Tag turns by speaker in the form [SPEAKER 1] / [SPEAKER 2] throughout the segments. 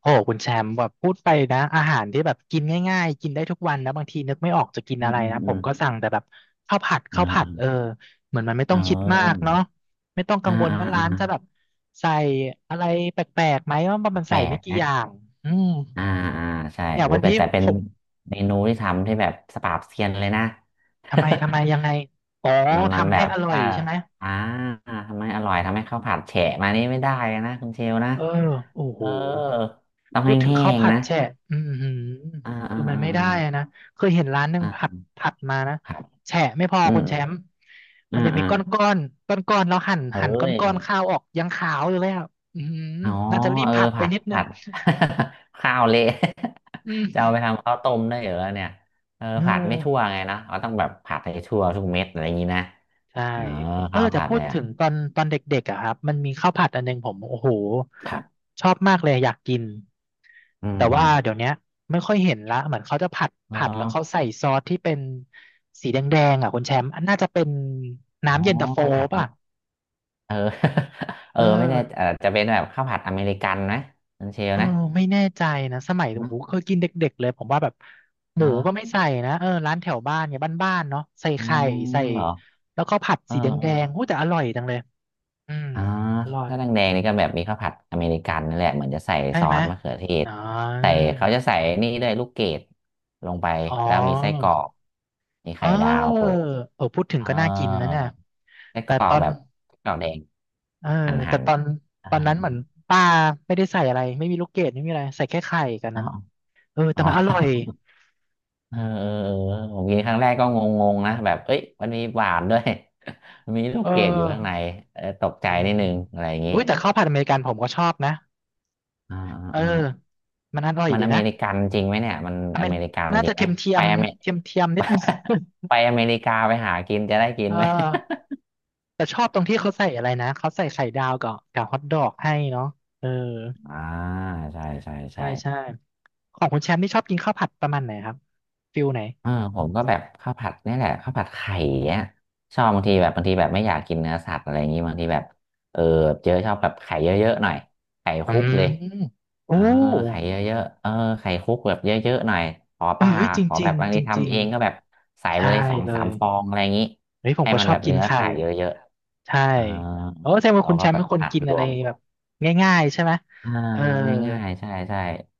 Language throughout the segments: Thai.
[SPEAKER 1] โอ้โหคุณแชมป์แบบพูดไปนะอาหารที่แบบกินง่ายๆกินได้ทุกวันนะบางทีนึกไม่ออกจะกิน
[SPEAKER 2] อื
[SPEAKER 1] อะ
[SPEAKER 2] ม
[SPEAKER 1] ไร
[SPEAKER 2] อืม
[SPEAKER 1] นะผ
[SPEAKER 2] อื
[SPEAKER 1] ม
[SPEAKER 2] ม
[SPEAKER 1] ก็สั่งแต่แบบข้าวผัดข้าวผัดเอ
[SPEAKER 2] อ่า
[SPEAKER 1] อเหมือนมันไม่ต้
[SPEAKER 2] อ่
[SPEAKER 1] องคิดมาก
[SPEAKER 2] า
[SPEAKER 1] เนาะไม่ต้องกั
[SPEAKER 2] อ่า
[SPEAKER 1] งวล
[SPEAKER 2] อ่า
[SPEAKER 1] ว่าร้านจะ
[SPEAKER 2] อ่า
[SPEAKER 1] แบบใส่อะไรแปลกๆไหมว่ามัน
[SPEAKER 2] แป
[SPEAKER 1] ใส่
[SPEAKER 2] ล
[SPEAKER 1] ไม่
[SPEAKER 2] ก
[SPEAKER 1] กี่
[SPEAKER 2] นะ
[SPEAKER 1] อย่างอืม
[SPEAKER 2] อ่าอ่าใช่
[SPEAKER 1] อย่าง
[SPEAKER 2] โห
[SPEAKER 1] วัน
[SPEAKER 2] แต่
[SPEAKER 1] นี้
[SPEAKER 2] แต่เป็
[SPEAKER 1] ผ
[SPEAKER 2] น
[SPEAKER 1] ม
[SPEAKER 2] เมนูที่ทำที่แบบสปราบเซียนเลยนะ
[SPEAKER 1] ทำไมยังไงอ๋อ
[SPEAKER 2] มัน
[SPEAKER 1] ทำ
[SPEAKER 2] แบ
[SPEAKER 1] ให้
[SPEAKER 2] บ
[SPEAKER 1] อร่อย
[SPEAKER 2] ถ้า
[SPEAKER 1] ใช่ไหม
[SPEAKER 2] อ่าทำให้อร่อยทำให้ข้าวผัดแฉะมานี่ไม่ได้เลยนะคุณเชลนะ
[SPEAKER 1] เออโอ้โห
[SPEAKER 2] เออต้องแ
[SPEAKER 1] พูดถึง
[SPEAKER 2] ห้
[SPEAKER 1] ข้าว
[SPEAKER 2] ง
[SPEAKER 1] ผั
[SPEAKER 2] ๆ
[SPEAKER 1] ด
[SPEAKER 2] นะ
[SPEAKER 1] แฉะอือหือ
[SPEAKER 2] อ่าอ่า
[SPEAKER 1] คือมัน
[SPEAKER 2] อ่า
[SPEAKER 1] ไม่ได้
[SPEAKER 2] อ่า
[SPEAKER 1] อะนะเคยเห็นร้านหนึ่ง
[SPEAKER 2] อ่า
[SPEAKER 1] ผัดผัดมานะ
[SPEAKER 2] ครับ
[SPEAKER 1] แฉะไม่พอ
[SPEAKER 2] อืม
[SPEAKER 1] คุณ
[SPEAKER 2] อ
[SPEAKER 1] แช
[SPEAKER 2] ม
[SPEAKER 1] มป์มั
[SPEAKER 2] อ่า
[SPEAKER 1] นจะมี
[SPEAKER 2] อ่า
[SPEAKER 1] ก้อนก้อนก้อนก้อนๆแล้วหั่น
[SPEAKER 2] เอ้
[SPEAKER 1] หั่นก้อน
[SPEAKER 2] ย
[SPEAKER 1] ก้อนข้าวออกยังขาวอยู่เลยอ่ะอือหือ
[SPEAKER 2] อ๋อ
[SPEAKER 1] น่าจะรีบ
[SPEAKER 2] เออ
[SPEAKER 1] ผัดไป
[SPEAKER 2] ผัด
[SPEAKER 1] นิดนึ
[SPEAKER 2] ผั
[SPEAKER 1] ง
[SPEAKER 2] ด ข้าวเละ
[SPEAKER 1] อื
[SPEAKER 2] จะเอา
[SPEAKER 1] ม
[SPEAKER 2] ไปทำข้าวต้มได้เหรอเนี่ยเออ
[SPEAKER 1] เอ
[SPEAKER 2] ผัดไม่ทั่ว
[SPEAKER 1] อ
[SPEAKER 2] ไงนะเราต้องแบบผัดให้ทั่วทุกเม็ดอะไรอย่างนี้นะ
[SPEAKER 1] ใช่
[SPEAKER 2] เออ
[SPEAKER 1] เออ
[SPEAKER 2] ข้าว
[SPEAKER 1] แต่
[SPEAKER 2] ผัด
[SPEAKER 1] พูด
[SPEAKER 2] เนี่ย
[SPEAKER 1] ถึงตอนเด็กๆอะครับมันมีข้าวผัดอันหนึงผมโอ้โห
[SPEAKER 2] ครับ
[SPEAKER 1] ชอบมากเลยอยากกิน
[SPEAKER 2] อื
[SPEAKER 1] แต่ว่าเดี๋ย
[SPEAKER 2] ม
[SPEAKER 1] วเนี้ยไม่ค่อยเห็นละเหมือนเขาจะผัด
[SPEAKER 2] อ
[SPEAKER 1] ผั
[SPEAKER 2] ม
[SPEAKER 1] ด
[SPEAKER 2] อ
[SPEAKER 1] แล้วเขา
[SPEAKER 2] อ
[SPEAKER 1] ใส่ซอสที่เป็นสีแดงๆอ่ะคุณแชมป์อันน่าจะเป็น
[SPEAKER 2] อ๋อ
[SPEAKER 1] น้ำเย็นตาโฟ
[SPEAKER 2] ข้าวผัดอ
[SPEAKER 1] ป่ะ
[SPEAKER 2] เมเออ เออ
[SPEAKER 1] เออ
[SPEAKER 2] ไม่แน่เออจะเป็นแบบข้าวผัดอเมริกันไหมคุณเชล
[SPEAKER 1] เออ
[SPEAKER 2] นะ
[SPEAKER 1] ไม่แน่ใจนะสมัยโอ้
[SPEAKER 2] เนอะ
[SPEAKER 1] โหเคยกินเด็กๆเลยผมว่าแบบห
[SPEAKER 2] เอ
[SPEAKER 1] มูก็ไม่
[SPEAKER 2] อะ
[SPEAKER 1] ใส่นะเออร้านแถวบ้านเนี่ยบ้านๆเนาะใส่
[SPEAKER 2] อ๋อ
[SPEAKER 1] ไข่ใส่
[SPEAKER 2] เหรอ
[SPEAKER 1] แล้วก็ผัด
[SPEAKER 2] เออ
[SPEAKER 1] สีแ
[SPEAKER 2] เอ
[SPEAKER 1] ด
[SPEAKER 2] อ
[SPEAKER 1] งๆโอ้แต่อร่อยจังเลยอืม
[SPEAKER 2] อ่า
[SPEAKER 1] อร่อย
[SPEAKER 2] ถ้าแดงๆนี่ก็แบบมีข้าวผัดอเมริกันนั่นแหละเหมือนจะใส่
[SPEAKER 1] ใช่
[SPEAKER 2] ซอ
[SPEAKER 1] ไหม
[SPEAKER 2] สมะเขือเทศ
[SPEAKER 1] อ๋อ
[SPEAKER 2] ใส่เขาจะใส่นี่ด้วยลูกเกดลงไป
[SPEAKER 1] อ๋อ
[SPEAKER 2] แล้วมีไส้กรอกมี
[SPEAKER 1] เ
[SPEAKER 2] ไข่ดาว
[SPEAKER 1] ออ
[SPEAKER 2] โปะ
[SPEAKER 1] เออพูดถึง
[SPEAKER 2] อ่
[SPEAKER 1] ก็น่ากินนะ
[SPEAKER 2] า
[SPEAKER 1] เนี่ย
[SPEAKER 2] ไส้ก
[SPEAKER 1] แต่
[SPEAKER 2] รอ
[SPEAKER 1] ตอ
[SPEAKER 2] ก
[SPEAKER 1] น
[SPEAKER 2] แบบไส้กรอกแดง
[SPEAKER 1] เออ
[SPEAKER 2] หั่น
[SPEAKER 1] แต่
[SPEAKER 2] หั่น
[SPEAKER 1] ตอน
[SPEAKER 2] อ่า
[SPEAKER 1] ตอนนั้นเหมือนป้าไม่ได้ใส่อะไรไม่มีลูกเกดไม่มีอะไรใส่แค่ไข่กัน
[SPEAKER 2] อ้า
[SPEAKER 1] นั้น
[SPEAKER 2] ว
[SPEAKER 1] เออแต่
[SPEAKER 2] อ๋อ
[SPEAKER 1] มันอร่อย
[SPEAKER 2] เออเออเออผมกินครั้งแรกก็งงๆนะแบบเอ้ยมันมีหวานด้วย มันมีลู
[SPEAKER 1] เอ
[SPEAKER 2] กเกดอยู่ข้างใน
[SPEAKER 1] อ
[SPEAKER 2] เออตกใจ
[SPEAKER 1] เอ
[SPEAKER 2] นิด
[SPEAKER 1] อ
[SPEAKER 2] นึงอะไรอย่างนี้
[SPEAKER 1] อุ้ยแต่ข้าวผัดอเมริกันผมก็ชอบนะ
[SPEAKER 2] อ่าอ่า
[SPEAKER 1] เออ
[SPEAKER 2] อ่า
[SPEAKER 1] มันอร่อย
[SPEAKER 2] มัน
[SPEAKER 1] ดี
[SPEAKER 2] อเม
[SPEAKER 1] นะ
[SPEAKER 2] ริกันจริงไหมเนี่ยมัน
[SPEAKER 1] อเม
[SPEAKER 2] อ
[SPEAKER 1] ริ
[SPEAKER 2] เมริกัน
[SPEAKER 1] น่า
[SPEAKER 2] จริ
[SPEAKER 1] จะ
[SPEAKER 2] งไหม
[SPEAKER 1] เทียมเทีย
[SPEAKER 2] ไป
[SPEAKER 1] ม
[SPEAKER 2] อเม
[SPEAKER 1] เทียมเทียมนิดนึง
[SPEAKER 2] ไปอเมริกาไปหากินจะได้กิน
[SPEAKER 1] เอ
[SPEAKER 2] ไหม
[SPEAKER 1] อแต่ชอบตรงที่เขาใส่อะไรนะเขาใส่ไข่ดาวกับฮอทดอกให้เนาะเออ
[SPEAKER 2] อ่าใช่ใช่
[SPEAKER 1] ใช่
[SPEAKER 2] ใช่
[SPEAKER 1] ใช่ของคุณแชมป์นี่ชอบกินข้าวผัดประมาณไหนครับฟิลไหน
[SPEAKER 2] เออผมก็แบบข้าวผัดนี่แหละข้าวผัดไข่เนี่ยชอบบางทีแบบบางทีแบบไม่อยากกินเนื้อสัตว์อะไรอย่างงี้บางทีแบบเออเจอชอบแบบไข่เยอะๆหน่อยไข่
[SPEAKER 1] อื
[SPEAKER 2] คลุกเลย
[SPEAKER 1] มโอ้
[SPEAKER 2] เออไข่เยอะๆเออไข่คุกแบบเยอะๆหน่อยขอ
[SPEAKER 1] เออ
[SPEAKER 2] ป่า
[SPEAKER 1] เฮ้ยจ
[SPEAKER 2] ขอแบ
[SPEAKER 1] ริง
[SPEAKER 2] บบาง
[SPEAKER 1] ๆจ
[SPEAKER 2] ที
[SPEAKER 1] ริ
[SPEAKER 2] ทำ
[SPEAKER 1] ง
[SPEAKER 2] เองก็แบบใส่
[SPEAKER 1] ๆ
[SPEAKER 2] ไป
[SPEAKER 1] ใช่
[SPEAKER 2] เลยสอง
[SPEAKER 1] เล
[SPEAKER 2] สาม
[SPEAKER 1] ย
[SPEAKER 2] ฟองอะไรอย่างนี้
[SPEAKER 1] เฮ้ยผม
[SPEAKER 2] ให้
[SPEAKER 1] ก็
[SPEAKER 2] มั
[SPEAKER 1] ช
[SPEAKER 2] น
[SPEAKER 1] อ
[SPEAKER 2] แบ
[SPEAKER 1] บ
[SPEAKER 2] บ
[SPEAKER 1] กิน
[SPEAKER 2] เนื้อ
[SPEAKER 1] ไข่
[SPEAKER 2] ไข่เยอะ
[SPEAKER 1] ใช่
[SPEAKER 2] ๆเออ
[SPEAKER 1] โอ้แสดงว่า
[SPEAKER 2] เรา
[SPEAKER 1] คุณแช
[SPEAKER 2] ก็
[SPEAKER 1] มป์
[SPEAKER 2] แบ
[SPEAKER 1] เป็
[SPEAKER 2] บ
[SPEAKER 1] นคน
[SPEAKER 2] อัด
[SPEAKER 1] กิน
[SPEAKER 2] ร
[SPEAKER 1] อะไร
[SPEAKER 2] วม
[SPEAKER 1] แบบง่ายๆใช่ไหม
[SPEAKER 2] อ่า
[SPEAKER 1] เออ
[SPEAKER 2] ง่ายๆใช่ใช่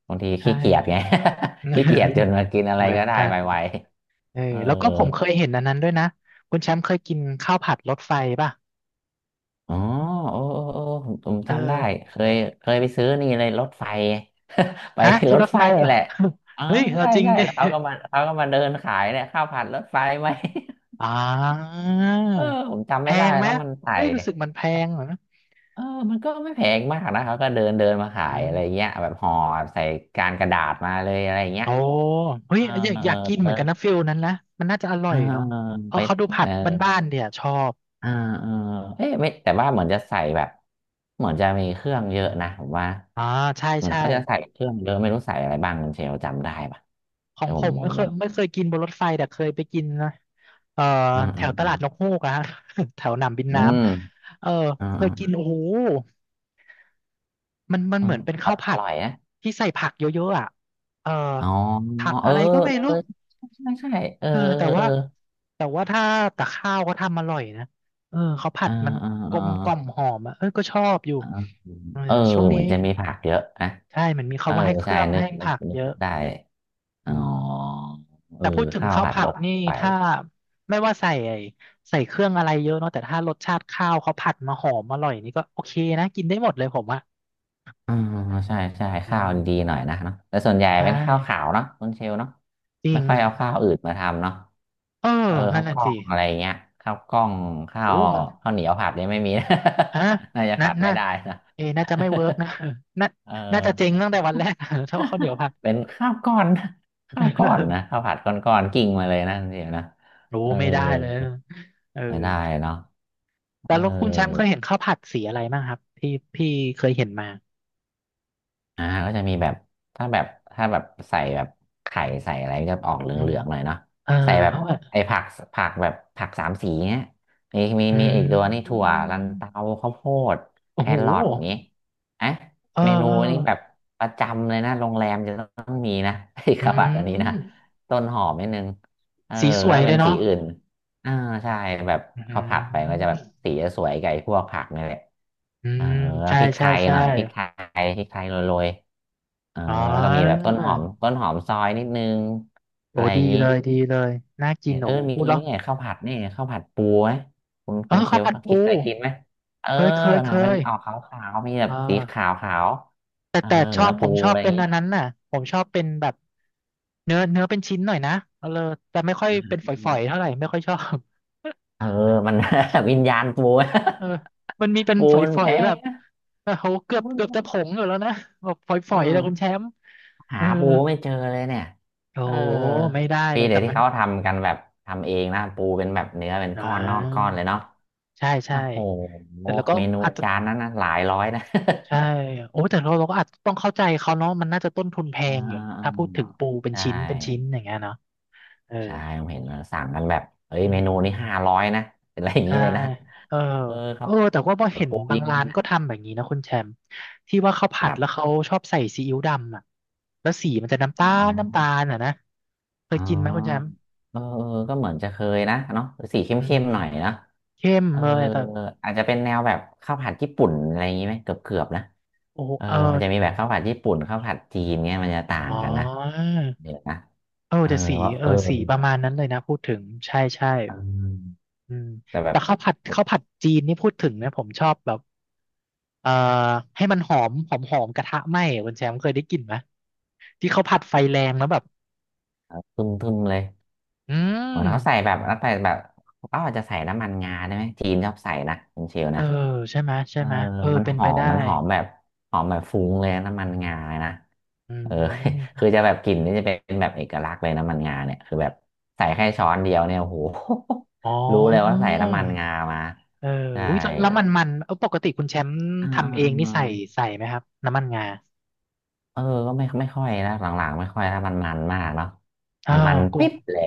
[SPEAKER 2] บางที
[SPEAKER 1] ใช่
[SPEAKER 2] ขี้เกียจไง ขี้เกียจจน มากินอะไร
[SPEAKER 1] เหมือน
[SPEAKER 2] ก็ได้
[SPEAKER 1] กัน
[SPEAKER 2] ไว
[SPEAKER 1] เออ
[SPEAKER 2] ๆเออ
[SPEAKER 1] แล้วก็ผมเคยเห็นอันนั้นด้วยนะคุณแชมป์เคยกินข้าวผัดรถไฟป่ะ
[SPEAKER 2] อ๋อโอ้โอ้โอ้ผม
[SPEAKER 1] เออ
[SPEAKER 2] จำได้เคยเคยไปซื้อนี่เลยรถไฟ ไป
[SPEAKER 1] ฮะที่
[SPEAKER 2] รถ
[SPEAKER 1] รถ
[SPEAKER 2] ไฟ
[SPEAKER 1] ไฟเหร
[SPEAKER 2] นี่
[SPEAKER 1] อ
[SPEAKER 2] แหละเออ
[SPEAKER 1] เฮ้ยเรา
[SPEAKER 2] ใช่
[SPEAKER 1] จริง
[SPEAKER 2] ใช่
[SPEAKER 1] ดิ
[SPEAKER 2] แล้วเขาก็มาเขาก็มาเดินขายเนี่ยข้าวผัดรถไฟไหม
[SPEAKER 1] อ่า
[SPEAKER 2] เออผมจำ
[SPEAKER 1] แพ
[SPEAKER 2] ไม่ได้
[SPEAKER 1] งไหม
[SPEAKER 2] แล้วมันใส่
[SPEAKER 1] เฮ้ยรู้สึกมันแพงเหรอ
[SPEAKER 2] เออมันก็ไม่แพงมากนะเขาก็เดินเดินมาขายอะไร
[SPEAKER 1] อ่า
[SPEAKER 2] เงี้ยแบบห่อใส่การกระดาษมาเลยอะไรเงี้ย
[SPEAKER 1] โอ้
[SPEAKER 2] เอ
[SPEAKER 1] เฮ้
[SPEAKER 2] อ
[SPEAKER 1] ยอยาก
[SPEAKER 2] เอ
[SPEAKER 1] อ
[SPEAKER 2] อ
[SPEAKER 1] ยากกิน
[SPEAKER 2] เอ
[SPEAKER 1] เหมื
[SPEAKER 2] อ
[SPEAKER 1] อนกันนะฟิลนั้นนะมันน่าจะอร่
[SPEAKER 2] เอ
[SPEAKER 1] อ
[SPEAKER 2] อ
[SPEAKER 1] ยเนาะเพ
[SPEAKER 2] ไป
[SPEAKER 1] ราะเขาดูผั
[SPEAKER 2] เอ
[SPEAKER 1] ด
[SPEAKER 2] อ
[SPEAKER 1] บ้านๆเนี่ยชอบ
[SPEAKER 2] อ่าเออเอ๊ะไม่แต่ว่าเหมือนจะใส่แบบเหมือนจะมีเครื่องเยอะนะผมว่า
[SPEAKER 1] อ่าใช่
[SPEAKER 2] เหมือน
[SPEAKER 1] ใช่
[SPEAKER 2] เขาจะใส่เครื่องเยอะไม่รู้ใส่อะไรบ้างคุณเชลจำได้ปะ
[SPEAKER 1] ขอ
[SPEAKER 2] แต่
[SPEAKER 1] ง
[SPEAKER 2] ผ
[SPEAKER 1] ผ
[SPEAKER 2] ม
[SPEAKER 1] ม
[SPEAKER 2] ผ
[SPEAKER 1] ไม่
[SPEAKER 2] ม
[SPEAKER 1] เค
[SPEAKER 2] ผ
[SPEAKER 1] ย
[SPEAKER 2] ม
[SPEAKER 1] ไม่เคยกินบนรถไฟแต่เคยไปกินนะเอ่อ
[SPEAKER 2] อืม
[SPEAKER 1] แถ
[SPEAKER 2] อื
[SPEAKER 1] ว
[SPEAKER 2] ม
[SPEAKER 1] ตลาดนกฮูกอะฮะ แถวหนามบิน
[SPEAKER 2] อื
[SPEAKER 1] น้
[SPEAKER 2] ม
[SPEAKER 1] ำเออ
[SPEAKER 2] อืม
[SPEAKER 1] เค
[SPEAKER 2] อื
[SPEAKER 1] ย
[SPEAKER 2] มอื
[SPEAKER 1] กินโอ้
[SPEAKER 2] ม
[SPEAKER 1] โหมัน
[SPEAKER 2] เออ
[SPEAKER 1] เหมือนเป็น
[SPEAKER 2] อ
[SPEAKER 1] ข้าวผัด
[SPEAKER 2] ร่อยนะ
[SPEAKER 1] ที่ใส่ผักเยอะๆอ่ะเออ
[SPEAKER 2] อ๋อ
[SPEAKER 1] ผัก
[SPEAKER 2] เออ
[SPEAKER 1] อะไรก็ไม่
[SPEAKER 2] เอ
[SPEAKER 1] รู้
[SPEAKER 2] อใช่ใช่ใช่เออ
[SPEAKER 1] เออแต่
[SPEAKER 2] เอ
[SPEAKER 1] ว่า
[SPEAKER 2] อ
[SPEAKER 1] แต่ว่าถ้าแต่ข้าวเขาทำอร่อยนะเออเขาผั
[SPEAKER 2] เอ่า
[SPEAKER 1] ดมัน
[SPEAKER 2] อ่า
[SPEAKER 1] กล
[SPEAKER 2] อ่า
[SPEAKER 1] มกล่อมหอมอ่ะเออก็ชอบอยู่
[SPEAKER 2] เออ
[SPEAKER 1] เออ
[SPEAKER 2] เออเออ
[SPEAKER 1] ช่วง
[SPEAKER 2] เห
[SPEAKER 1] นี้
[SPEAKER 2] มือนจะมีผักเยอะนะ
[SPEAKER 1] ใช่มันมี
[SPEAKER 2] เอ
[SPEAKER 1] เขา
[SPEAKER 2] อ
[SPEAKER 1] ว่าให้เค
[SPEAKER 2] ใช่
[SPEAKER 1] รื่อง
[SPEAKER 2] นึ
[SPEAKER 1] ให้
[SPEAKER 2] กนึก
[SPEAKER 1] ผัก
[SPEAKER 2] นึ
[SPEAKER 1] เย
[SPEAKER 2] ก
[SPEAKER 1] อะ
[SPEAKER 2] ได้อ๋อ
[SPEAKER 1] อืม
[SPEAKER 2] เอ
[SPEAKER 1] แต่
[SPEAKER 2] อ
[SPEAKER 1] พูดถึง
[SPEAKER 2] ข้าว
[SPEAKER 1] ข้าว
[SPEAKER 2] ผัด
[SPEAKER 1] ผั
[SPEAKER 2] ร
[SPEAKER 1] ด
[SPEAKER 2] ส
[SPEAKER 1] นี่
[SPEAKER 2] ไฟ
[SPEAKER 1] ถ้าไม่ว่าใส่ไอ้ใส่เครื่องอะไรเยอะเนาะแต่ถ้ารสชาติข้าวเขาผัดมาหอมอร่อยนี่ก็โอเคนะกินได้หมดเลยผมอ่ะ
[SPEAKER 2] อ่าใช่ใช่
[SPEAKER 1] อื
[SPEAKER 2] ข้าวดีหน่อ
[SPEAKER 1] ม
[SPEAKER 2] ยนะเนาะแต่ส่วนใหญ่
[SPEAKER 1] ใช่
[SPEAKER 2] เป็นข้าวขาวเนาะคุณเชลเนาะ
[SPEAKER 1] จริ
[SPEAKER 2] ไม่
[SPEAKER 1] ง
[SPEAKER 2] ค่อยเอาข้าวอื่นมาทำเนาะ
[SPEAKER 1] เออ
[SPEAKER 2] เออ
[SPEAKER 1] นั่
[SPEAKER 2] ข้า
[SPEAKER 1] น
[SPEAKER 2] วก
[SPEAKER 1] น่ะ
[SPEAKER 2] ล้อ
[SPEAKER 1] สิ
[SPEAKER 2] งอะไรเงี้ยข้าวกล้องข้าว
[SPEAKER 1] โอ้มัน
[SPEAKER 2] ข้าวเหนียวผัดเนี่ยไม่มีนะ
[SPEAKER 1] ฮะ
[SPEAKER 2] น่าจะ
[SPEAKER 1] น่า
[SPEAKER 2] ผัดไม่
[SPEAKER 1] น่า
[SPEAKER 2] ได้นะ
[SPEAKER 1] เอะน่าจะไม่เวิร์กนะ น่า
[SPEAKER 2] เอ
[SPEAKER 1] น่า
[SPEAKER 2] อ
[SPEAKER 1] จะเจ๊งตั้งแต่ วันแรก ถ้าว่าข้าวเหนียวผัด
[SPEAKER 2] เป็นข้าวก้อนข้าวก้อนนะข้าวผัดก้อนก้อนกิ่งมาเลยนะคุณเชลนะ
[SPEAKER 1] รู้
[SPEAKER 2] เออ
[SPEAKER 1] ไม่ได้เลยเออ
[SPEAKER 2] ไม่ได้เนาะ
[SPEAKER 1] แต่
[SPEAKER 2] เออ
[SPEAKER 1] แล้วคุณแชมป์เคยเห็นข้าวผัดสีอะไรบ้างครับที่พี่เคยเห็นมา
[SPEAKER 2] อ่าก็จะมีแบบถ้าแบบถ้าแบบใส่แบบไข่ใส่อะไรก็จะออกเห
[SPEAKER 1] อืม
[SPEAKER 2] ลืองๆหน่อยเนาะ
[SPEAKER 1] เออ
[SPEAKER 2] ใส่แบบ
[SPEAKER 1] เอาอะ
[SPEAKER 2] ไอ้ผักผักแบบผักสามสีเนี่ยมีมี
[SPEAKER 1] อื
[SPEAKER 2] มีอีกตัวนี่ถั่
[SPEAKER 1] ม
[SPEAKER 2] วลันเตาข้าวโพด
[SPEAKER 1] โอ้
[SPEAKER 2] แค
[SPEAKER 1] โห
[SPEAKER 2] รอทนี้เอ่ะ
[SPEAKER 1] เออ
[SPEAKER 2] เมนู
[SPEAKER 1] เออ
[SPEAKER 2] นี้แบบประจำเลยนะโรงแรมจะต้องมีนะ ไอ้
[SPEAKER 1] อื
[SPEAKER 2] กระบัดอันนี้
[SPEAKER 1] ม
[SPEAKER 2] นะต้นหอมนิดนึงเออ
[SPEAKER 1] สีสวย
[SPEAKER 2] ถ้า
[SPEAKER 1] เล
[SPEAKER 2] เป็น
[SPEAKER 1] ย
[SPEAKER 2] สี
[SPEAKER 1] เนาะ
[SPEAKER 2] อื่น อ่าใช่แบบ
[SPEAKER 1] อื
[SPEAKER 2] ข้าวผัดไปก็จะแบบ
[SPEAKER 1] ม
[SPEAKER 2] สีจะสวยไก่พวกผักนี่แหละ
[SPEAKER 1] อื
[SPEAKER 2] เออ
[SPEAKER 1] ม
[SPEAKER 2] แล้ว
[SPEAKER 1] ใช่
[SPEAKER 2] พริกไท
[SPEAKER 1] ใช่
[SPEAKER 2] ย
[SPEAKER 1] ใช่
[SPEAKER 2] หน่อยพริกไทยพริกไทยโรยๆเออ
[SPEAKER 1] อ๋
[SPEAKER 2] แล้วก็มีแบบ
[SPEAKER 1] อ
[SPEAKER 2] ต้นหอมต้นหอมซอยนิดนึง
[SPEAKER 1] โอ้
[SPEAKER 2] อะไรอ
[SPEAKER 1] ดี
[SPEAKER 2] ย่างนี้
[SPEAKER 1] เลยดีเลยน่ากิ
[SPEAKER 2] เห็
[SPEAKER 1] น
[SPEAKER 2] น
[SPEAKER 1] โอ้
[SPEAKER 2] เออ
[SPEAKER 1] โห
[SPEAKER 2] มี
[SPEAKER 1] พูดแล้ว
[SPEAKER 2] นี่ไงข้าวผัดนี่ข้าวผัดปูไหมคุณ
[SPEAKER 1] เออ
[SPEAKER 2] คุณเช
[SPEAKER 1] ข้าว
[SPEAKER 2] ล
[SPEAKER 1] ผัดปู
[SPEAKER 2] คิดอะไรกินไหมเออ
[SPEAKER 1] เคยเคยเค
[SPEAKER 2] นะมัน
[SPEAKER 1] ย
[SPEAKER 2] ออกขาวๆมีแบ
[SPEAKER 1] อ่
[SPEAKER 2] บสีข
[SPEAKER 1] า
[SPEAKER 2] าว
[SPEAKER 1] แต่
[SPEAKER 2] ๆเออ
[SPEAKER 1] แต่ชอ
[SPEAKER 2] เนื้อ
[SPEAKER 1] บผ
[SPEAKER 2] ปู
[SPEAKER 1] มชอ
[SPEAKER 2] อะ
[SPEAKER 1] บ
[SPEAKER 2] ไรอ
[SPEAKER 1] เป็
[SPEAKER 2] ย่าง
[SPEAKER 1] น
[SPEAKER 2] นี้
[SPEAKER 1] อันนั้นน่ะผมชอบเป็นแบบเนื้อเป็นชิ้นหน่อยนะเออแต่ไม่ค่อยเป็นฝ
[SPEAKER 2] อื
[SPEAKER 1] อยๆ
[SPEAKER 2] ม
[SPEAKER 1] เท่าไหร่ไม่ค่อยชอบ
[SPEAKER 2] เอ อมัน วิญญาณปู
[SPEAKER 1] เออมันมีเป็น
[SPEAKER 2] ปู
[SPEAKER 1] ฝ
[SPEAKER 2] มันแพ
[SPEAKER 1] อยๆแบ
[SPEAKER 2] ง
[SPEAKER 1] บโอ้โหเกื
[SPEAKER 2] ปู
[SPEAKER 1] อบ
[SPEAKER 2] มัน
[SPEAKER 1] เกือบ
[SPEAKER 2] แพ
[SPEAKER 1] จะ
[SPEAKER 2] ง
[SPEAKER 1] ผงอยู่แล้วนะแบบฝ
[SPEAKER 2] อื
[SPEAKER 1] อยๆเลยคุณแช
[SPEAKER 2] ม
[SPEAKER 1] มป์
[SPEAKER 2] หา
[SPEAKER 1] เออ
[SPEAKER 2] ปูไม่เจอเลยเนี่ย
[SPEAKER 1] โอ้
[SPEAKER 2] เออ
[SPEAKER 1] โหไม่ได้เล
[SPEAKER 2] ปี
[SPEAKER 1] ย
[SPEAKER 2] เดี๋
[SPEAKER 1] แต่
[SPEAKER 2] ยวที่
[SPEAKER 1] มัน
[SPEAKER 2] เขาทำกันแบบทำเองนะปูเป็นแบบเนื้อเป็น
[SPEAKER 1] อ่
[SPEAKER 2] ก้อนนอกก้อน
[SPEAKER 1] า
[SPEAKER 2] เลยเนาะ
[SPEAKER 1] ใช่
[SPEAKER 2] โอ้โห
[SPEAKER 1] แต่เราก็
[SPEAKER 2] เมนู
[SPEAKER 1] อาจจะ
[SPEAKER 2] จานนั้นนะหลายร้อยนะ
[SPEAKER 1] ใช่โอ้แต่เราก็อาจจะต้องเข้าใจเขาเนาะมันน่าจะต้นทุนแพ
[SPEAKER 2] อ่
[SPEAKER 1] งอยู่เนอะถ้าพู
[SPEAKER 2] า
[SPEAKER 1] ดถึงปูเป็
[SPEAKER 2] ใช
[SPEAKER 1] นชิ้นเป็นชิ้น
[SPEAKER 2] ่
[SPEAKER 1] อย่างเงี้ยเนาะเออ
[SPEAKER 2] ใช่ผมเห็นมันสั่งกันแบบ เฮ้ย
[SPEAKER 1] อื
[SPEAKER 2] เมนูนี้
[SPEAKER 1] ม
[SPEAKER 2] 500นะ เป็นอะไรอย่าง
[SPEAKER 1] ใช่
[SPEAKER 2] นี้เลยนะ
[SPEAKER 1] เออ
[SPEAKER 2] เออ
[SPEAKER 1] เอ
[SPEAKER 2] เขา
[SPEAKER 1] อแต่ว่าพอเห็น
[SPEAKER 2] ปู
[SPEAKER 1] บา
[SPEAKER 2] ยิ
[SPEAKER 1] ง
[SPEAKER 2] งนี่
[SPEAKER 1] ร้าน
[SPEAKER 2] นะ
[SPEAKER 1] ก็ทำแบบนี้นะคุณแชมป์ที่ว่าเขา
[SPEAKER 2] ค
[SPEAKER 1] ผัด
[SPEAKER 2] รั
[SPEAKER 1] แล้ว
[SPEAKER 2] บ
[SPEAKER 1] เขาชอบใส่ซีอิ๊วดำอ่ะแล้วสีมันจะน้ำ
[SPEAKER 2] อ๋อ
[SPEAKER 1] ตาลน้ำตาลอ่ะนะเคย
[SPEAKER 2] อ๋
[SPEAKER 1] กินไหมคุณแชมป์
[SPEAKER 2] อเออเออก็เหมือนจะเคยนะเนาะสีเข
[SPEAKER 1] อื
[SPEAKER 2] ้
[SPEAKER 1] ม
[SPEAKER 2] มๆหน่อยนะ
[SPEAKER 1] เข้ม
[SPEAKER 2] เออ
[SPEAKER 1] เลยแต่
[SPEAKER 2] อาจจะเป็นแนวแบบข้าวผัดญี่ปุ่นอะไรอย่างงี้ไหมเกือบๆนะ
[SPEAKER 1] โอ้โห
[SPEAKER 2] เออ
[SPEAKER 1] เออ
[SPEAKER 2] มันจะมีแบบข้าวผัดญี่ปุ่นข้าวผัดจีนเนี่ยมันจะต่า
[SPEAKER 1] อ๋
[SPEAKER 2] ง
[SPEAKER 1] อ
[SPEAKER 2] กันนะเดี๋ยวนะ
[SPEAKER 1] เออ
[SPEAKER 2] เออ
[SPEAKER 1] แต่สี
[SPEAKER 2] ว่า
[SPEAKER 1] เอ
[SPEAKER 2] เอ
[SPEAKER 1] อ
[SPEAKER 2] อ
[SPEAKER 1] สีประมาณนั้นเลยนะพูดถึงใช่ใช่
[SPEAKER 2] เออ
[SPEAKER 1] อืม
[SPEAKER 2] แต่แบ
[SPEAKER 1] แต่
[SPEAKER 2] บ
[SPEAKER 1] ข้าวผัดข้าวผัดจีนนี่พูดถึงเนี่ยผมชอบแบบเอ่อให้มันหอมหอมหอมกระทะไหม้อะคุณแชมป์เคยได้กลิ่นไหมที่เขาผัดไฟแรงแล้วแบบ
[SPEAKER 2] ทึมๆเลย
[SPEAKER 1] อื
[SPEAKER 2] เหมือนเขาใส่
[SPEAKER 1] ม
[SPEAKER 2] แบบแล้วใส่แบบเขาอาจจะใส่น้ำมันงาได้ไหมจีนชอบใส่นะคุณเชล
[SPEAKER 1] เออ
[SPEAKER 2] นะ
[SPEAKER 1] ใช่ไหม
[SPEAKER 2] เอ
[SPEAKER 1] ใช่
[SPEAKER 2] อ
[SPEAKER 1] ไหมเออ
[SPEAKER 2] มัน
[SPEAKER 1] เป็
[SPEAKER 2] ห
[SPEAKER 1] น
[SPEAKER 2] อ
[SPEAKER 1] ไป
[SPEAKER 2] ม
[SPEAKER 1] ได้
[SPEAKER 2] มันหอมแบบหอมแบบฟุ้งเลยนะน้ำมันงาเลยนะ
[SPEAKER 1] อื
[SPEAKER 2] เออ
[SPEAKER 1] ม
[SPEAKER 2] คือจะแบบกลิ่นนี่จะเป็นแบบเอกลักษณ์เลยน้ำมันงาเนี่ยคือแบบใส่แค่ช้อนเดียวเนี่ยโอ้โห
[SPEAKER 1] อ๋อ
[SPEAKER 2] รู้เลยว่าใส่น้ำมันงามา
[SPEAKER 1] เออ
[SPEAKER 2] ใช่
[SPEAKER 1] อุ้ยแล้วแล้วมันมันเออปกติคุณแชมป์
[SPEAKER 2] อ่
[SPEAKER 1] ทำเองนี่
[SPEAKER 2] า
[SPEAKER 1] ใส่ใส่ไหมครับน้ำมันงา
[SPEAKER 2] ๆๆเออก็ไม่ค่อยนะหลังๆไม่ค่อยนล้มันมันมากเนาะ
[SPEAKER 1] อ้า
[SPEAKER 2] มันมัน
[SPEAKER 1] วก็
[SPEAKER 2] ปิ๊บเลย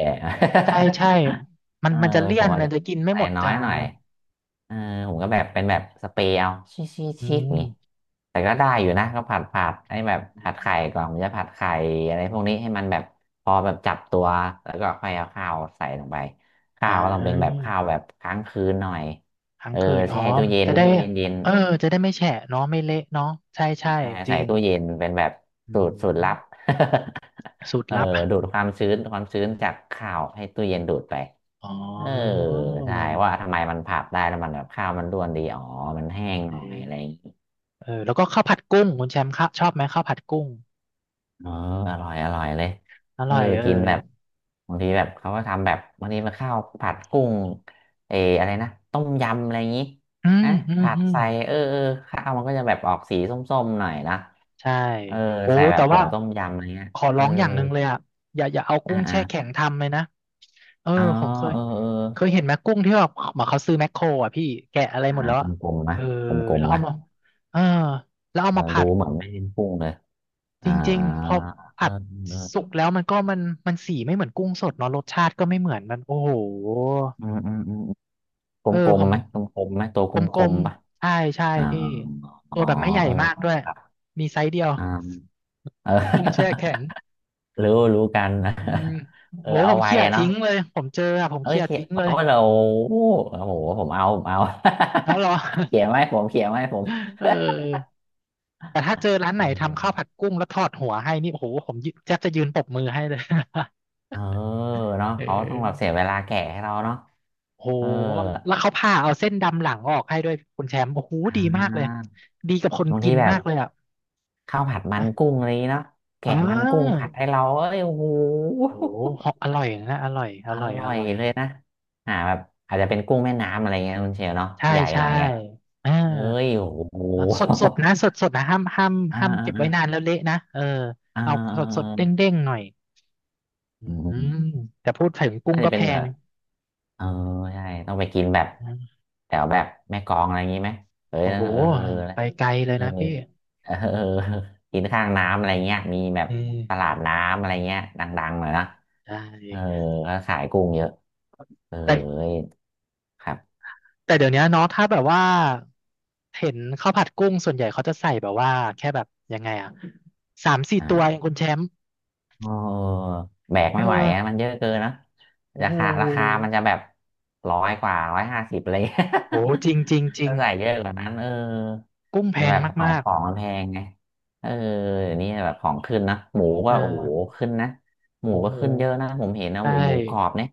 [SPEAKER 1] ใช่ใช่มั น
[SPEAKER 2] เออ
[SPEAKER 1] มันจะเลี่
[SPEAKER 2] ผ
[SPEAKER 1] ย
[SPEAKER 2] ม
[SPEAKER 1] น
[SPEAKER 2] อาจ
[SPEAKER 1] นะ
[SPEAKER 2] จะ
[SPEAKER 1] จะกินไม่
[SPEAKER 2] ใส่
[SPEAKER 1] หมด
[SPEAKER 2] น้อ
[SPEAKER 1] จา
[SPEAKER 2] ยห
[SPEAKER 1] น
[SPEAKER 2] น่อย
[SPEAKER 1] นะ
[SPEAKER 2] เออผมก็แบบเป็นแบบสเปรย์เอาชีสชีส
[SPEAKER 1] อื
[SPEAKER 2] ชีสอย่างงี้
[SPEAKER 1] ม
[SPEAKER 2] แต่ก็ได้อยู่นะก็ผัดผัดให้แบบ
[SPEAKER 1] อม
[SPEAKER 2] ผัดไข่ก่อนผมจะผัดไข่อะไรพวกนี้ให้มันแบบพอแบบจับตัวแล้วก็ค่อยเอาข้าวใส่ลงไปข้า
[SPEAKER 1] อ่
[SPEAKER 2] วก็ต้องเป็นแบบ
[SPEAKER 1] า
[SPEAKER 2] ข้าวแบบค้างคืนหน่อย
[SPEAKER 1] ทั้ง
[SPEAKER 2] เออ
[SPEAKER 1] คืนอ๋อ
[SPEAKER 2] แช่ตู้เย็น
[SPEAKER 1] จะได้
[SPEAKER 2] ให้เย็นเย็น
[SPEAKER 1] เออจะได้ไม่แฉะเนาะไม่เละเนาะใช่ใช่
[SPEAKER 2] ใช่
[SPEAKER 1] จ
[SPEAKER 2] ใส่
[SPEAKER 1] ริง
[SPEAKER 2] ตู้เย็นเป็นแบบ
[SPEAKER 1] อื
[SPEAKER 2] สูตรสูตรลับ
[SPEAKER 1] มสูต ร
[SPEAKER 2] เออ
[SPEAKER 1] ลับ
[SPEAKER 2] ดูดความชื้นความชื้นจากข้าวให้ตู้เย็นดูดไป
[SPEAKER 1] อ๋อ
[SPEAKER 2] เออใช่ว่าทำไมมันผัดได้แล้วมันแบบข้าวมันร่วนดีอ๋อมันแห้งห
[SPEAKER 1] เอ
[SPEAKER 2] น่อย
[SPEAKER 1] อ
[SPEAKER 2] อะไรอย่างงี้
[SPEAKER 1] เออแล้วก็ข้าวผัดกุ้งคุณแชมป์ครชอบไหมข้าวผัดกุ้ง
[SPEAKER 2] ๋อเอออร่อยอร่อยเลย
[SPEAKER 1] อ
[SPEAKER 2] เอ
[SPEAKER 1] ร่
[SPEAKER 2] อ
[SPEAKER 1] อยเออ
[SPEAKER 2] กินแบบบางทีแบบเขาก็ทำแบบบางทีมันข้าวผัดกุ้งเอออะไรนะต้มยำอะไรอย่างงี้
[SPEAKER 1] อืม
[SPEAKER 2] นะ
[SPEAKER 1] อืม
[SPEAKER 2] ผัด
[SPEAKER 1] อืม
[SPEAKER 2] ใส่เออเออข้าวมันก็จะแบบออกสีส้มๆหน่อยนะ
[SPEAKER 1] ใช่
[SPEAKER 2] เออ
[SPEAKER 1] โอ้
[SPEAKER 2] ใส่แบ
[SPEAKER 1] แต่
[SPEAKER 2] บผ
[SPEAKER 1] ว่า
[SPEAKER 2] งต้มยำอะไรเงี้ย
[SPEAKER 1] ขอ
[SPEAKER 2] เอ
[SPEAKER 1] ร้
[SPEAKER 2] อ
[SPEAKER 1] องอย่างหนึ่งเลยอ่ะอย่าอย่าเอากุ้
[SPEAKER 2] อ่า
[SPEAKER 1] ง
[SPEAKER 2] อ่า
[SPEAKER 1] แช่แข็งทำเลยนะเออ
[SPEAKER 2] อ๋อ
[SPEAKER 1] ผมเคย
[SPEAKER 2] เออเออ
[SPEAKER 1] เคยเห็นไหมกุ้งที่แบบเหมือนเขาซื้อแมคโครอ่ะพี่แกะอะไร
[SPEAKER 2] อ่า
[SPEAKER 1] หมดแล้ว
[SPEAKER 2] ก
[SPEAKER 1] อะ
[SPEAKER 2] ลมๆ
[SPEAKER 1] เอ
[SPEAKER 2] นะ
[SPEAKER 1] อ
[SPEAKER 2] กลม
[SPEAKER 1] แล้ว
[SPEAKER 2] ๆ
[SPEAKER 1] เอา
[SPEAKER 2] นะ
[SPEAKER 1] มาเออแล้วเอา
[SPEAKER 2] เออ
[SPEAKER 1] มาผั
[SPEAKER 2] ดู
[SPEAKER 1] ด
[SPEAKER 2] เหมือนไม่เห้มพุ่งเลย
[SPEAKER 1] จ
[SPEAKER 2] อ่า
[SPEAKER 1] ริงๆพอ
[SPEAKER 2] เอ
[SPEAKER 1] ผั
[SPEAKER 2] อ
[SPEAKER 1] ด
[SPEAKER 2] เออ
[SPEAKER 1] สุกแล้วมันก็มันมันสีไม่เหมือนกุ้งสดเนาะรสชาติก็ไม่เหมือนมันโอ้โห
[SPEAKER 2] อืมอืมอืมก
[SPEAKER 1] เออ
[SPEAKER 2] ลม
[SPEAKER 1] ผ
[SPEAKER 2] ๆ
[SPEAKER 1] ม
[SPEAKER 2] ไหมกลมๆไหมตัวก
[SPEAKER 1] กล
[SPEAKER 2] ลม
[SPEAKER 1] ม
[SPEAKER 2] ๆปะ
[SPEAKER 1] ๆใช่ใช่
[SPEAKER 2] อ่า
[SPEAKER 1] พี่
[SPEAKER 2] อ๋อ
[SPEAKER 1] ตัวแบบไม่ใหญ่
[SPEAKER 2] เออ
[SPEAKER 1] มากด้วย
[SPEAKER 2] ครับ
[SPEAKER 1] มีไซส์เดียว
[SPEAKER 2] อ่าเอ
[SPEAKER 1] กุ้งแช่
[SPEAKER 2] อ
[SPEAKER 1] แข็ง
[SPEAKER 2] รู้รู้กัน นะ
[SPEAKER 1] อืม
[SPEAKER 2] เอ
[SPEAKER 1] โห
[SPEAKER 2] อ
[SPEAKER 1] ผ
[SPEAKER 2] เอา
[SPEAKER 1] ม
[SPEAKER 2] ไว้
[SPEAKER 1] เขี่ย
[SPEAKER 2] อะเนาะ
[SPEAKER 1] ทิ้งเลยผมเจออะผม
[SPEAKER 2] เอ้ย
[SPEAKER 1] เขี่ย
[SPEAKER 2] เขียน
[SPEAKER 1] ทิ้งเล
[SPEAKER 2] เอา
[SPEAKER 1] ย
[SPEAKER 2] เราโอ้โหผมเอาผมเอา
[SPEAKER 1] แล้วเหรอ
[SPEAKER 2] เขียนไว้ผมเขียนไว้ผม
[SPEAKER 1] เออแต่ถ้า
[SPEAKER 2] อ่ะ
[SPEAKER 1] เจอร้าน
[SPEAKER 2] เอ
[SPEAKER 1] ไหนทำข้า
[SPEAKER 2] อ
[SPEAKER 1] วผัดกุ้งแล้วทอดหัวให้นี่โอ้โหผมยืนแทบจะยืนปรบมือให้เลย
[SPEAKER 2] เออ เนาะ
[SPEAKER 1] เ
[SPEAKER 2] เขาต้องแบบ
[SPEAKER 1] อ
[SPEAKER 2] เสี
[SPEAKER 1] อ
[SPEAKER 2] ยเวลาแกะให้เราเนาะ
[SPEAKER 1] โห
[SPEAKER 2] เออ
[SPEAKER 1] แล้วเขาผ่าเอาเส้นดำหลังออกให้ด้วยคุณแชมป์โอ้โห
[SPEAKER 2] อ่
[SPEAKER 1] ดีมากเลย
[SPEAKER 2] า
[SPEAKER 1] ดีกับคน
[SPEAKER 2] บาง
[SPEAKER 1] กิ
[SPEAKER 2] ที
[SPEAKER 1] น
[SPEAKER 2] แบ
[SPEAKER 1] มา
[SPEAKER 2] บ
[SPEAKER 1] กเลยอ่ะ
[SPEAKER 2] ข้าวผัดมัน
[SPEAKER 1] นะ
[SPEAKER 2] กุ้งอะไรอย่างงี้เนาะ
[SPEAKER 1] เ
[SPEAKER 2] แกะมันกุ้ง
[SPEAKER 1] ออ
[SPEAKER 2] ผัดให้เราเอ้ยโอ้โห
[SPEAKER 1] โอ้โหอร่อยนะอร่อยอ
[SPEAKER 2] อ
[SPEAKER 1] ร่อย
[SPEAKER 2] ร่
[SPEAKER 1] อ
[SPEAKER 2] อย
[SPEAKER 1] ร่อย
[SPEAKER 2] เลยนะอ่าแบบอาจจะเป็นกุ้งแม่น้ำอะไรเงี้ยคุณเชลเนาะ
[SPEAKER 1] ใช่
[SPEAKER 2] ใหญ่ห
[SPEAKER 1] ใช่
[SPEAKER 2] น่อยไง
[SPEAKER 1] เอ่า
[SPEAKER 2] เอ้ยโอ้โห
[SPEAKER 1] แล้วสดสดนะสดสดนะห้ามห้าม
[SPEAKER 2] อ่า
[SPEAKER 1] ห้าม
[SPEAKER 2] อ่า
[SPEAKER 1] เก็บไว้นา
[SPEAKER 2] อ่า
[SPEAKER 1] นแล้วเละนะ เออ
[SPEAKER 2] อ่า
[SPEAKER 1] เอา
[SPEAKER 2] อ
[SPEAKER 1] สดสดเด้ง
[SPEAKER 2] า
[SPEAKER 1] เด้งๆหน่อยอ
[SPEAKER 2] อื
[SPEAKER 1] ืม
[SPEAKER 2] ม
[SPEAKER 1] แต่พูดถึงกุ้ง
[SPEAKER 2] น่า
[SPEAKER 1] ก็
[SPEAKER 2] จะ
[SPEAKER 1] แพ
[SPEAKER 2] เป็นเออ
[SPEAKER 1] ง
[SPEAKER 2] เออใช่ต้องไปกินแบบ
[SPEAKER 1] อืม
[SPEAKER 2] แถวแบบแม่กลองอะไรอย่างนี้ไหมเอ้ย
[SPEAKER 1] โอ้
[SPEAKER 2] นั่
[SPEAKER 1] โห
[SPEAKER 2] นเออ
[SPEAKER 1] ไปไกลเลย
[SPEAKER 2] เออ
[SPEAKER 1] นะพี่
[SPEAKER 2] เออเออ กินข้างน้ำอะไรเงี้ยมีแบบ
[SPEAKER 1] เออ
[SPEAKER 2] ตลาดน้ำอะไรเงี้ยดังๆหน่อยนะ
[SPEAKER 1] ใช
[SPEAKER 2] เออ
[SPEAKER 1] ่
[SPEAKER 2] ก็ขายกุ้งเยอะเออ
[SPEAKER 1] แต่
[SPEAKER 2] ครับ
[SPEAKER 1] แต่เดี๋ยวนี้เนาะถ้าแบบว่าเห็นข้าวผัดกุ้งส่วนใหญ่เขาจะใส่แบบว่าแค่แบบยังไงอะสามสี่ตัวเอง
[SPEAKER 2] อ่า
[SPEAKER 1] คุณแชมป์
[SPEAKER 2] เออแบก
[SPEAKER 1] เออ
[SPEAKER 2] ไม่ไหวอะมันเยอะเกินนะ
[SPEAKER 1] โอ้
[SPEAKER 2] รา
[SPEAKER 1] โห
[SPEAKER 2] คาราคามันจะแบบร้อยกว่าร้อยห้าสิบเลย
[SPEAKER 1] โหจริงจริงจ ริง
[SPEAKER 2] ถ้าใส่เยอะกว่านั้นเออ
[SPEAKER 1] กุ้งแพ
[SPEAKER 2] มัน
[SPEAKER 1] ง
[SPEAKER 2] แบบของ
[SPEAKER 1] มา
[SPEAKER 2] ข
[SPEAKER 1] ก
[SPEAKER 2] องมันแพงไงเออเดี๋ยวนี้แบบของขึ้นนะหมู
[SPEAKER 1] ๆ
[SPEAKER 2] ก็
[SPEAKER 1] เออ
[SPEAKER 2] โอ้โหขึ้นนะหมู
[SPEAKER 1] โห
[SPEAKER 2] ก็
[SPEAKER 1] หมู
[SPEAKER 2] ขึ้นเยอะนะผมเห็นนะห
[SPEAKER 1] ใช่
[SPEAKER 2] มูหมูกรอบเนี่ย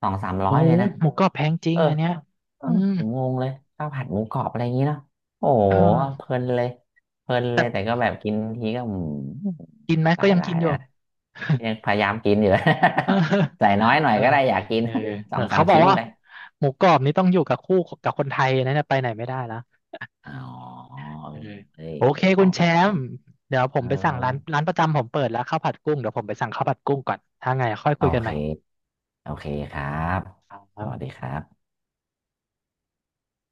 [SPEAKER 2] สองสามร้
[SPEAKER 1] โอ้
[SPEAKER 2] อย
[SPEAKER 1] โห
[SPEAKER 2] เลยนะ
[SPEAKER 1] หมูกรอบแพงจริ
[SPEAKER 2] เอ
[SPEAKER 1] ง
[SPEAKER 2] อ
[SPEAKER 1] อันเนี้ย
[SPEAKER 2] เออ
[SPEAKER 1] อืม
[SPEAKER 2] ผมงงเลยข้าวผัดหมูกรอบอะไรอย่างนี้เนาะโอ้โห
[SPEAKER 1] เออ
[SPEAKER 2] เพลินเลยเพลินเล
[SPEAKER 1] แต่
[SPEAKER 2] ยแต่ก็แบบกินทีก็อืม
[SPEAKER 1] กินไหม
[SPEAKER 2] ห
[SPEAKER 1] ก็
[SPEAKER 2] ลาย
[SPEAKER 1] ยัง
[SPEAKER 2] หลา
[SPEAKER 1] กิ
[SPEAKER 2] ย
[SPEAKER 1] นอ
[SPEAKER 2] นะ
[SPEAKER 1] ยู่
[SPEAKER 2] ยังพยายามกินอยู่
[SPEAKER 1] เ
[SPEAKER 2] ใส่
[SPEAKER 1] ออ
[SPEAKER 2] น้อยหน่อย
[SPEAKER 1] เออ
[SPEAKER 2] ก็ได้อยากกิน
[SPEAKER 1] เออ
[SPEAKER 2] ส
[SPEAKER 1] เอ
[SPEAKER 2] อ
[SPEAKER 1] อ
[SPEAKER 2] งสา
[SPEAKER 1] เขา
[SPEAKER 2] ม
[SPEAKER 1] บอก
[SPEAKER 2] ชิ้น
[SPEAKER 1] ว่า
[SPEAKER 2] ไป
[SPEAKER 1] หมูกรอบนี้ต้องอยู่กับคู่กับคนไทยนะเนี่ยไปไหนไม่ได้แล้ว
[SPEAKER 2] อ๋อ
[SPEAKER 1] เออ
[SPEAKER 2] เอ้ย
[SPEAKER 1] โอเค
[SPEAKER 2] ขอ
[SPEAKER 1] คุณ
[SPEAKER 2] ง
[SPEAKER 1] แช
[SPEAKER 2] ประจ
[SPEAKER 1] มป์เดี๋ยว
[SPEAKER 2] ำ
[SPEAKER 1] ผ
[SPEAKER 2] เอ
[SPEAKER 1] ม
[SPEAKER 2] อ
[SPEAKER 1] ไปสั่งร้านร้านประจำผมเปิดแล้วข้าวผัดกุ้ง เดี๋ยวผมไปสั่งข้าวผัดกุ้งก่อน ถ้าไงค่อย
[SPEAKER 2] โอ
[SPEAKER 1] คุยกัน
[SPEAKER 2] เค
[SPEAKER 1] ใหม่
[SPEAKER 2] โอเคครับ
[SPEAKER 1] ครั
[SPEAKER 2] สวัสดี
[SPEAKER 1] บ
[SPEAKER 2] ครับ